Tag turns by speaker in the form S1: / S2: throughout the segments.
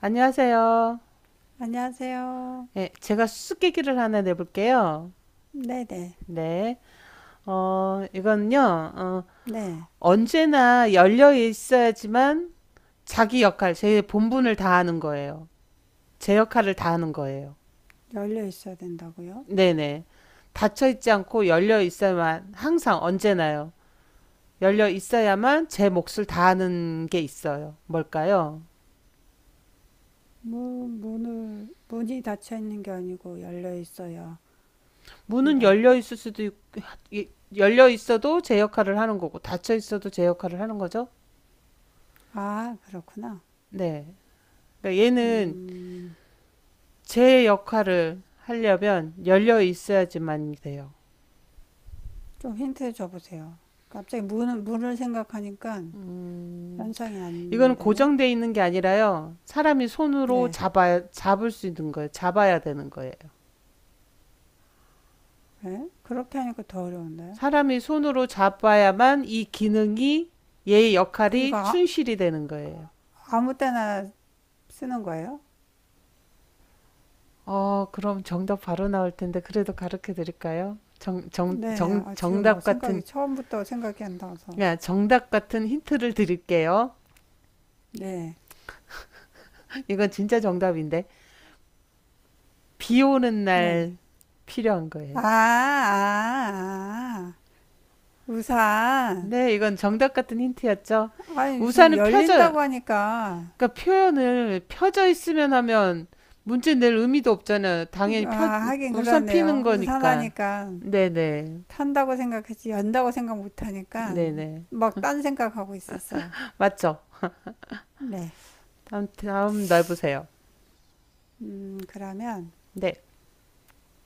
S1: 안녕하세요.
S2: 안녕하세요.
S1: 예, 제가 수수께끼를 하나 내볼게요.
S2: 네네.
S1: 네. 이건요,
S2: 네.
S1: 언제나 열려 있어야지만 자기 역할, 제 본분을 다하는 거예요. 제 역할을 다하는 거예요.
S2: 열려 있어야 된다고요?
S1: 네네. 닫혀 있지 않고 열려 있어야만, 항상 언제나요. 열려 있어야만 제 몫을 다하는 게 있어요. 뭘까요?
S2: 문이 닫혀 있는 게 아니고 열려 있어야
S1: 문은 열려
S2: 한다고?
S1: 있을 수도 있, 열려 있어도 제 역할을 하는 거고, 닫혀 있어도 제 역할을 하는 거죠?
S2: 아, 그렇구나.
S1: 네. 그러니까 얘는
S2: 음,
S1: 제 역할을 하려면 열려 있어야지만 돼요.
S2: 좀 힌트 줘보세요. 갑자기 문을 생각하니까
S1: 음,
S2: 연상이 안
S1: 이거는
S2: 되네?
S1: 고정돼 있는 게 아니라요. 사람이 손으로
S2: 네.
S1: 잡아 잡을 수 있는 거예요. 잡아야 되는 거예요.
S2: 네? 그렇게 하니까 더 어려운데.
S1: 사람이 손으로 잡아야만 이 기능이 얘의
S2: 그,
S1: 역할이
S2: 이거 아,
S1: 충실이 되는 거예요.
S2: 아무 때나 쓰는 거예요?
S1: 그럼 정답 바로 나올 텐데 그래도 가르쳐 드릴까요? 정, 정,
S2: 네네.
S1: 정,
S2: 아, 지금 막
S1: 정답 같은
S2: 처음부터 생각이 안 나서.
S1: 그냥 정답 같은 힌트를 드릴게요.
S2: 네.
S1: 이건 진짜 정답인데 비 오는
S2: 네.
S1: 날 필요한 거예요.
S2: 아, 아, 아. 우산.
S1: 네, 이건 정답 같은 힌트였죠.
S2: 아니, 우산
S1: 우산은 펴져,
S2: 열린다고 하니까.
S1: 그러니까 표현을 펴져 있으면 하면 문제 낼 의미도 없잖아요. 당연히
S2: 아,
S1: 펴,
S2: 하긴
S1: 우산 피는
S2: 그러네요. 우산
S1: 거니까.
S2: 하니까
S1: 네네,
S2: 탄다고 생각했지, 연다고 생각 못 하니까
S1: 네네.
S2: 막 딴 생각하고 있었어요.
S1: 맞죠?
S2: 네.
S1: 다음 날 보세요.
S2: 그러면
S1: 네,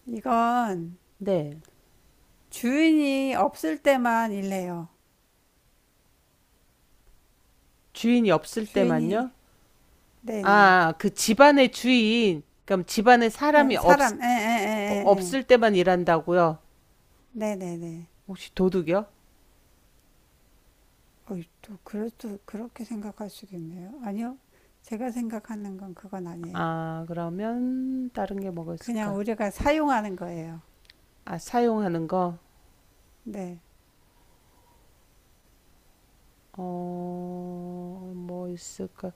S2: 이건
S1: 네.
S2: 주인이 없을 때만 일래요.
S1: 주인이 없을
S2: 주인이,
S1: 때만요?
S2: 네네.
S1: 아, 그 집안의 주인, 그럼 집안에 사람이
S2: 네,
S1: 없,
S2: 사람, 에, 에, 에, 에, 에.
S1: 없을 때만 일한다고요?
S2: 네네네.
S1: 혹시 도둑이요?
S2: 어이, 또 그래도 그렇게 생각할 수도 있네요. 아니요, 제가 생각하는 건 그건 아니에요.
S1: 아, 그러면 다른 게 뭐가
S2: 그냥
S1: 있을까?
S2: 우리가 사용하는 거예요.
S1: 아, 사용하는 거?
S2: 네,
S1: 뭐 있을까?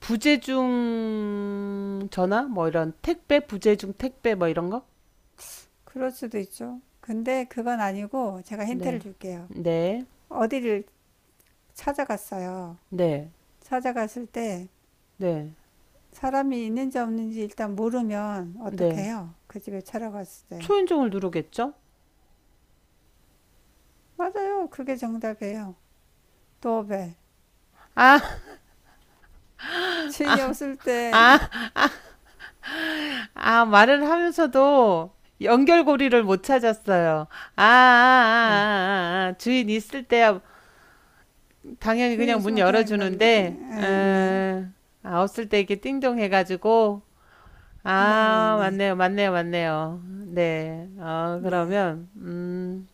S1: 부재중 전화? 뭐 이런 택배? 부재중 택배? 뭐 이런 거?
S2: 그럴 수도 있죠. 근데 그건 아니고 제가 힌트를
S1: 네.
S2: 줄게요.
S1: 네.
S2: 어디를 찾아갔어요.
S1: 네.
S2: 찾아갔을 때
S1: 네.
S2: 사람이 있는지 없는지 일단 모르면 어떻게
S1: 네.
S2: 해요? 그 집에 찾아갔을 때.
S1: 초인종을 누르겠죠?
S2: 맞아요. 그게 정답이에요. 도어벨.
S1: 아,
S2: 주인이 없을 때,
S1: 아, 말을 하면서도 연결고리를 못 찾았어요. 아, 아, 아, 아,
S2: 네.
S1: 아. 아, 아. 주인 있을 때야 당연히
S2: 주인 이
S1: 그냥 문
S2: 있으면 그냥 난 이렇게,
S1: 열어주는데,
S2: 네, 네,
S1: 아, 없을 때 이렇게 띵동 해가지고,
S2: 네, 네,
S1: 아,
S2: 네.
S1: 맞네요, 맞네요, 맞네요. 네. 아,
S2: 네.
S1: 그러면,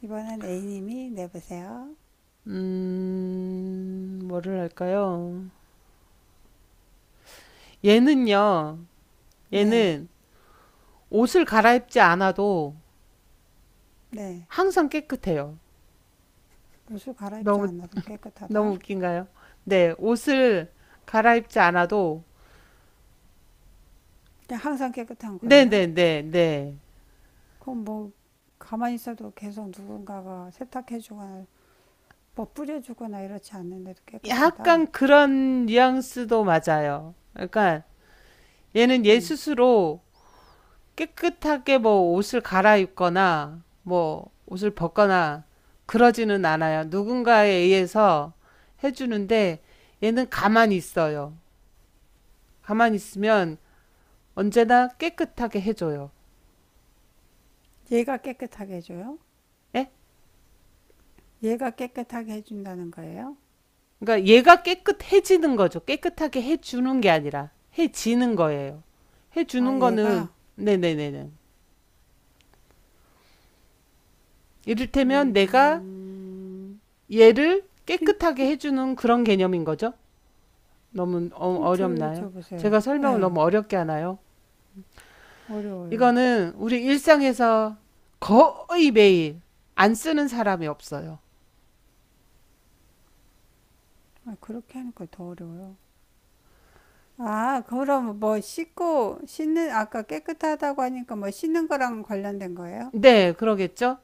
S2: 이번엔 A님이 내보세요.
S1: 뭐를 할까요? 얘는요,
S2: 네,
S1: 얘는 옷을 갈아입지 않아도
S2: 네.
S1: 항상 깨끗해요.
S2: 옷을 갈아입지
S1: 너무,
S2: 않아도
S1: 너무
S2: 깨끗하다.
S1: 웃긴가요? 네, 옷을 갈아입지 않아도,
S2: 그냥 항상 깨끗한 거예요.
S1: 네네네네.
S2: 그럼 뭐 가만히 있어도 계속 누군가가 세탁해주거나 뭐 뿌려주거나 이렇지 않는데도 깨끗하다.
S1: 약간 그런 뉘앙스도 맞아요. 그러니까 얘는 얘
S2: 음.
S1: 스스로 깨끗하게 뭐 옷을 갈아입거나 뭐 옷을 벗거나 그러지는 않아요. 누군가에 의해서 해주는데 얘는 가만히 있어요. 가만히 있으면 언제나 깨끗하게 해줘요.
S2: 얘가 깨끗하게 해줘요?
S1: 예?
S2: 얘가 깨끗하게 해준다는 거예요?
S1: 그러니까 얘가 깨끗해지는 거죠. 깨끗하게 해주는 게 아니라 해지는 거예요.
S2: 아,
S1: 해주는 거는
S2: 얘가
S1: 네네네네. 이를테면 내가
S2: 음,
S1: 얘를
S2: 힌,
S1: 깨끗하게 해주는 그런 개념인 거죠. 너무 어-
S2: 힌트
S1: 어렵나요?
S2: 줘보세요.
S1: 제가
S2: 예,
S1: 설명을 너무
S2: 네,
S1: 어렵게 하나요?
S2: 어려워요.
S1: 이거는 우리 일상에서 거의 매일 안 쓰는 사람이 없어요.
S2: 아, 그렇게 하니까 더 어려워요. 아, 그럼 뭐 씻고 씻는 아까 깨끗하다고 하니까 뭐 씻는 거랑 관련된 거예요?
S1: 네, 그러겠죠?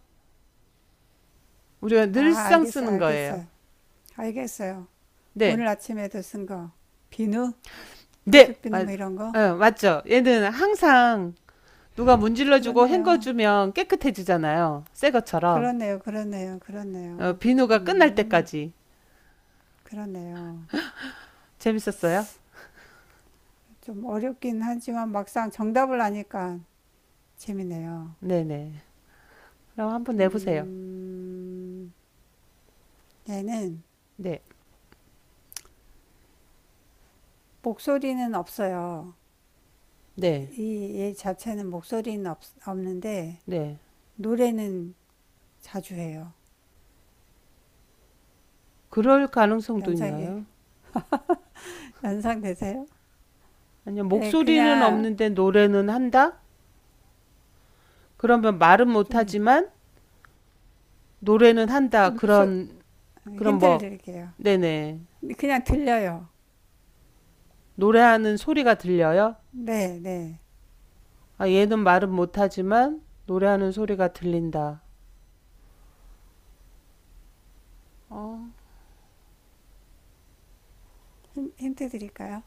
S1: 우리가
S2: 아,
S1: 늘상 쓰는 거예요.
S2: 알겠어요.
S1: 네,
S2: 오늘 아침에도 쓴 거, 비누,
S1: 네,
S2: 세숫비누 뭐 이런 거,
S1: 맞죠. 얘는 항상 누가 문질러주고
S2: 그렇네요,
S1: 헹궈주면 깨끗해지잖아요. 새 것처럼.
S2: 그렇네요.
S1: 비누가 끝날
S2: 음,
S1: 때까지.
S2: 그렇네요.
S1: 재밌었어요?
S2: 좀 어렵긴 하지만 막상 정답을 아니까 재밌네요.
S1: 네네. 그럼 한번 내보세요.
S2: 음, 얘는
S1: 네,
S2: 목소리는 없어요.
S1: 네,
S2: 얘 자체는 없는데
S1: 네.
S2: 노래는 자주 해요.
S1: 그럴 가능성도
S2: 연상, 예,
S1: 있나요?
S2: 연상되세요?
S1: 아니요,
S2: 예,
S1: 목소리는
S2: 그냥
S1: 없는데 노래는 한다? 그러면 말은
S2: 좀
S1: 못하지만 노래는 한다.
S2: 노소,
S1: 그런
S2: 힌트를
S1: 뭐
S2: 드릴게요.
S1: 네네.
S2: 그냥 들려요.
S1: 노래하는 소리가 들려요?
S2: 네, 네.
S1: 아, 얘는 말은 못하지만 노래하는 소리가 들린다. 어.
S2: 힌트 드릴까요?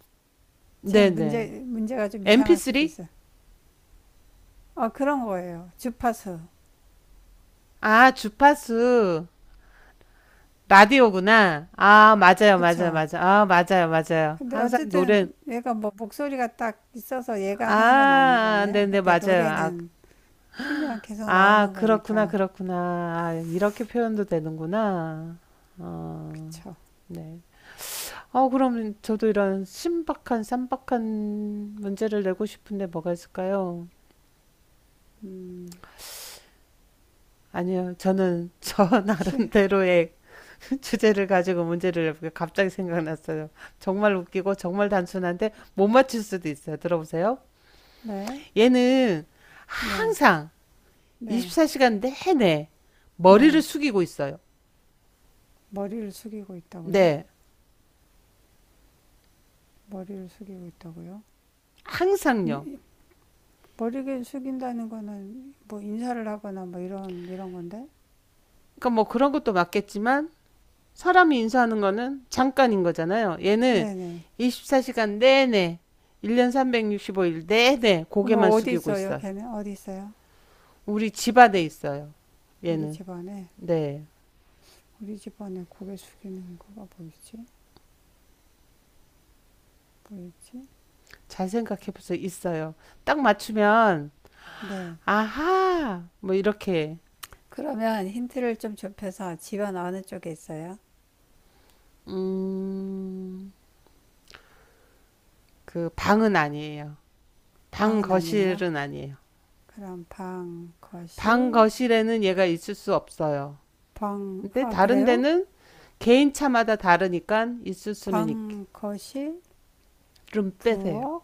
S1: 네네.
S2: 문제가 좀 이상할 수도
S1: MP3?
S2: 있어요. 어, 그런 거예요. 주파수.
S1: 아, 주파수. 라디오구나. 아, 맞아요, 맞아요,
S2: 그쵸?
S1: 맞아요. 아, 맞아요, 맞아요.
S2: 근데
S1: 항상 노래,
S2: 어쨌든 얘가 뭐 목소리가 딱 있어서 얘가 하는 건
S1: 아,
S2: 아니잖아요.
S1: 네네,
S2: 근데
S1: 맞아요. 아,
S2: 노래는 키면 계속
S1: 아,
S2: 나오는
S1: 그렇구나,
S2: 거니까.
S1: 그렇구나. 아, 이렇게 표현도 되는구나. 어,
S2: 그쵸?
S1: 네. 그럼 저도 이런 신박한, 쌈박한 문제를 내고 싶은데 뭐가 있을까요?
S2: 음,
S1: 아니요, 저는
S2: 쉬,
S1: 나름대로의 주제를 가지고 문제를 내볼게요. 갑자기 생각났어요. 정말 웃기고 정말 단순한데 못 맞출 수도 있어요. 들어보세요.
S2: 네,
S1: 얘는
S2: 네,
S1: 항상
S2: 네,
S1: 24시간 내내 머리를
S2: 네.
S1: 숙이고 있어요.
S2: 머리를 숙이고 있다고요?
S1: 네,
S2: 머리를 숙이고 있다고요?
S1: 항상요.
S2: 이- 머리를 숙인다는 거는 뭐 인사를 하거나 뭐 이런 건데?
S1: 그러니까 뭐 그런 것도 맞겠지만 사람이 인수하는 거는 잠깐인 거잖아요. 얘는
S2: 네네.
S1: 24시간 내내 1년 365일 내내
S2: 그럼
S1: 고개만
S2: 뭐 어디
S1: 숙이고
S2: 있어요?
S1: 있어요.
S2: 걔는 어디 있어요?
S1: 우리 집 안에 있어요.
S2: 우리
S1: 얘는.
S2: 집안에
S1: 네.
S2: 우리 집안에 고개 숙이는 거가 뭐 있지? 보이지
S1: 잘 생각해 보세요. 있어요. 딱 맞추면
S2: 네.
S1: 아하 뭐 이렇게.
S2: 그러면 힌트를 좀 좁혀서 집안 어느 쪽에 있어요?
S1: 음. 그 방은 아니에요. 방
S2: 방은 아니에요?
S1: 거실은 아니에요.
S2: 그럼 방,
S1: 방
S2: 거실,
S1: 거실에는 얘가 있을 수 없어요.
S2: 방,
S1: 근데
S2: 아,
S1: 다른
S2: 그래요?
S1: 데는 개인 차마다 다르니까 있을 수는 있.
S2: 방, 거실,
S1: 좀 빼세요.
S2: 부엌,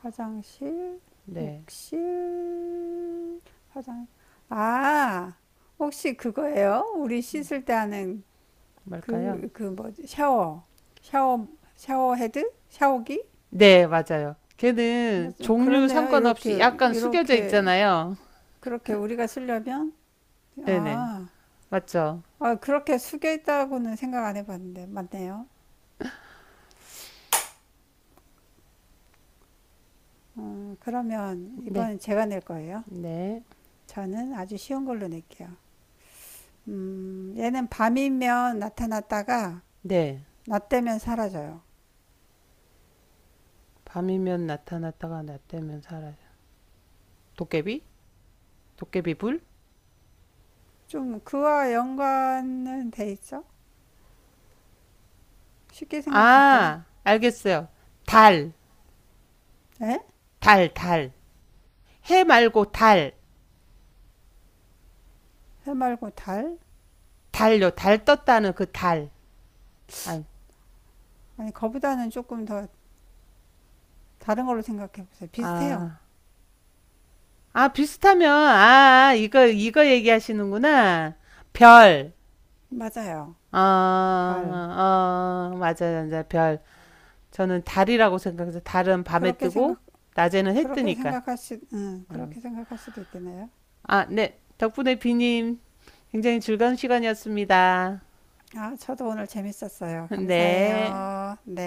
S2: 화장실,
S1: 네,
S2: 욕실, 화장. 아, 혹시 그거예요? 우리 씻을 때 하는
S1: 뭘까요?
S2: 그 뭐지? 샤워. 샤워, 샤워 헤드? 샤워기?
S1: 네, 맞아요. 걔는
S2: 맞아요.
S1: 종류
S2: 그렇네요.
S1: 상관없이 약간 숙여져
S2: 이렇게,
S1: 있잖아요.
S2: 그렇게 우리가 쓰려면?
S1: 네네,
S2: 아,
S1: 맞죠?
S2: 아, 그렇게 숙여 있다고는 생각 안 해봤는데. 맞네요. 그러면
S1: 네,
S2: 이번엔 제가 낼 거예요.
S1: 네,
S2: 저는 아주 쉬운 걸로 낼게요. 얘는 밤이면 나타났다가
S1: 네.
S2: 나 때문에 사라져요.
S1: 밤이면 나타났다가 낮되면 사라져. 도깨비? 도깨비 불?
S2: 좀 그와 연관은 돼 있죠? 쉽게 생각하세요.
S1: 아, 알겠어요. 달,
S2: 에?
S1: 달, 달. 해 말고 달,
S2: 해 말고 달?
S1: 달요. 달 떴다는 그 달. 아,
S2: 아니, 거보다는 조금 더 다른 걸로 생각해 보세요. 비슷해요.
S1: 아, 아, 비슷하면, 아, 아, 이거 얘기하시는구나. 별,
S2: 맞아요.
S1: 아,
S2: 달.
S1: 맞아요. 맞아, 별. 저는 달이라고 생각해서 달은 밤에
S2: 그렇게
S1: 뜨고,
S2: 생각,
S1: 낮에는 해
S2: 그렇게
S1: 뜨니까.
S2: 생각할 수,
S1: 어.
S2: 그렇게 생각할 수도 있겠네요.
S1: 아, 네. 덕분에 비님, 굉장히 즐거운 시간이었습니다.
S2: 아, 저도 오늘 재밌었어요.
S1: 네.
S2: 감사해요. 네.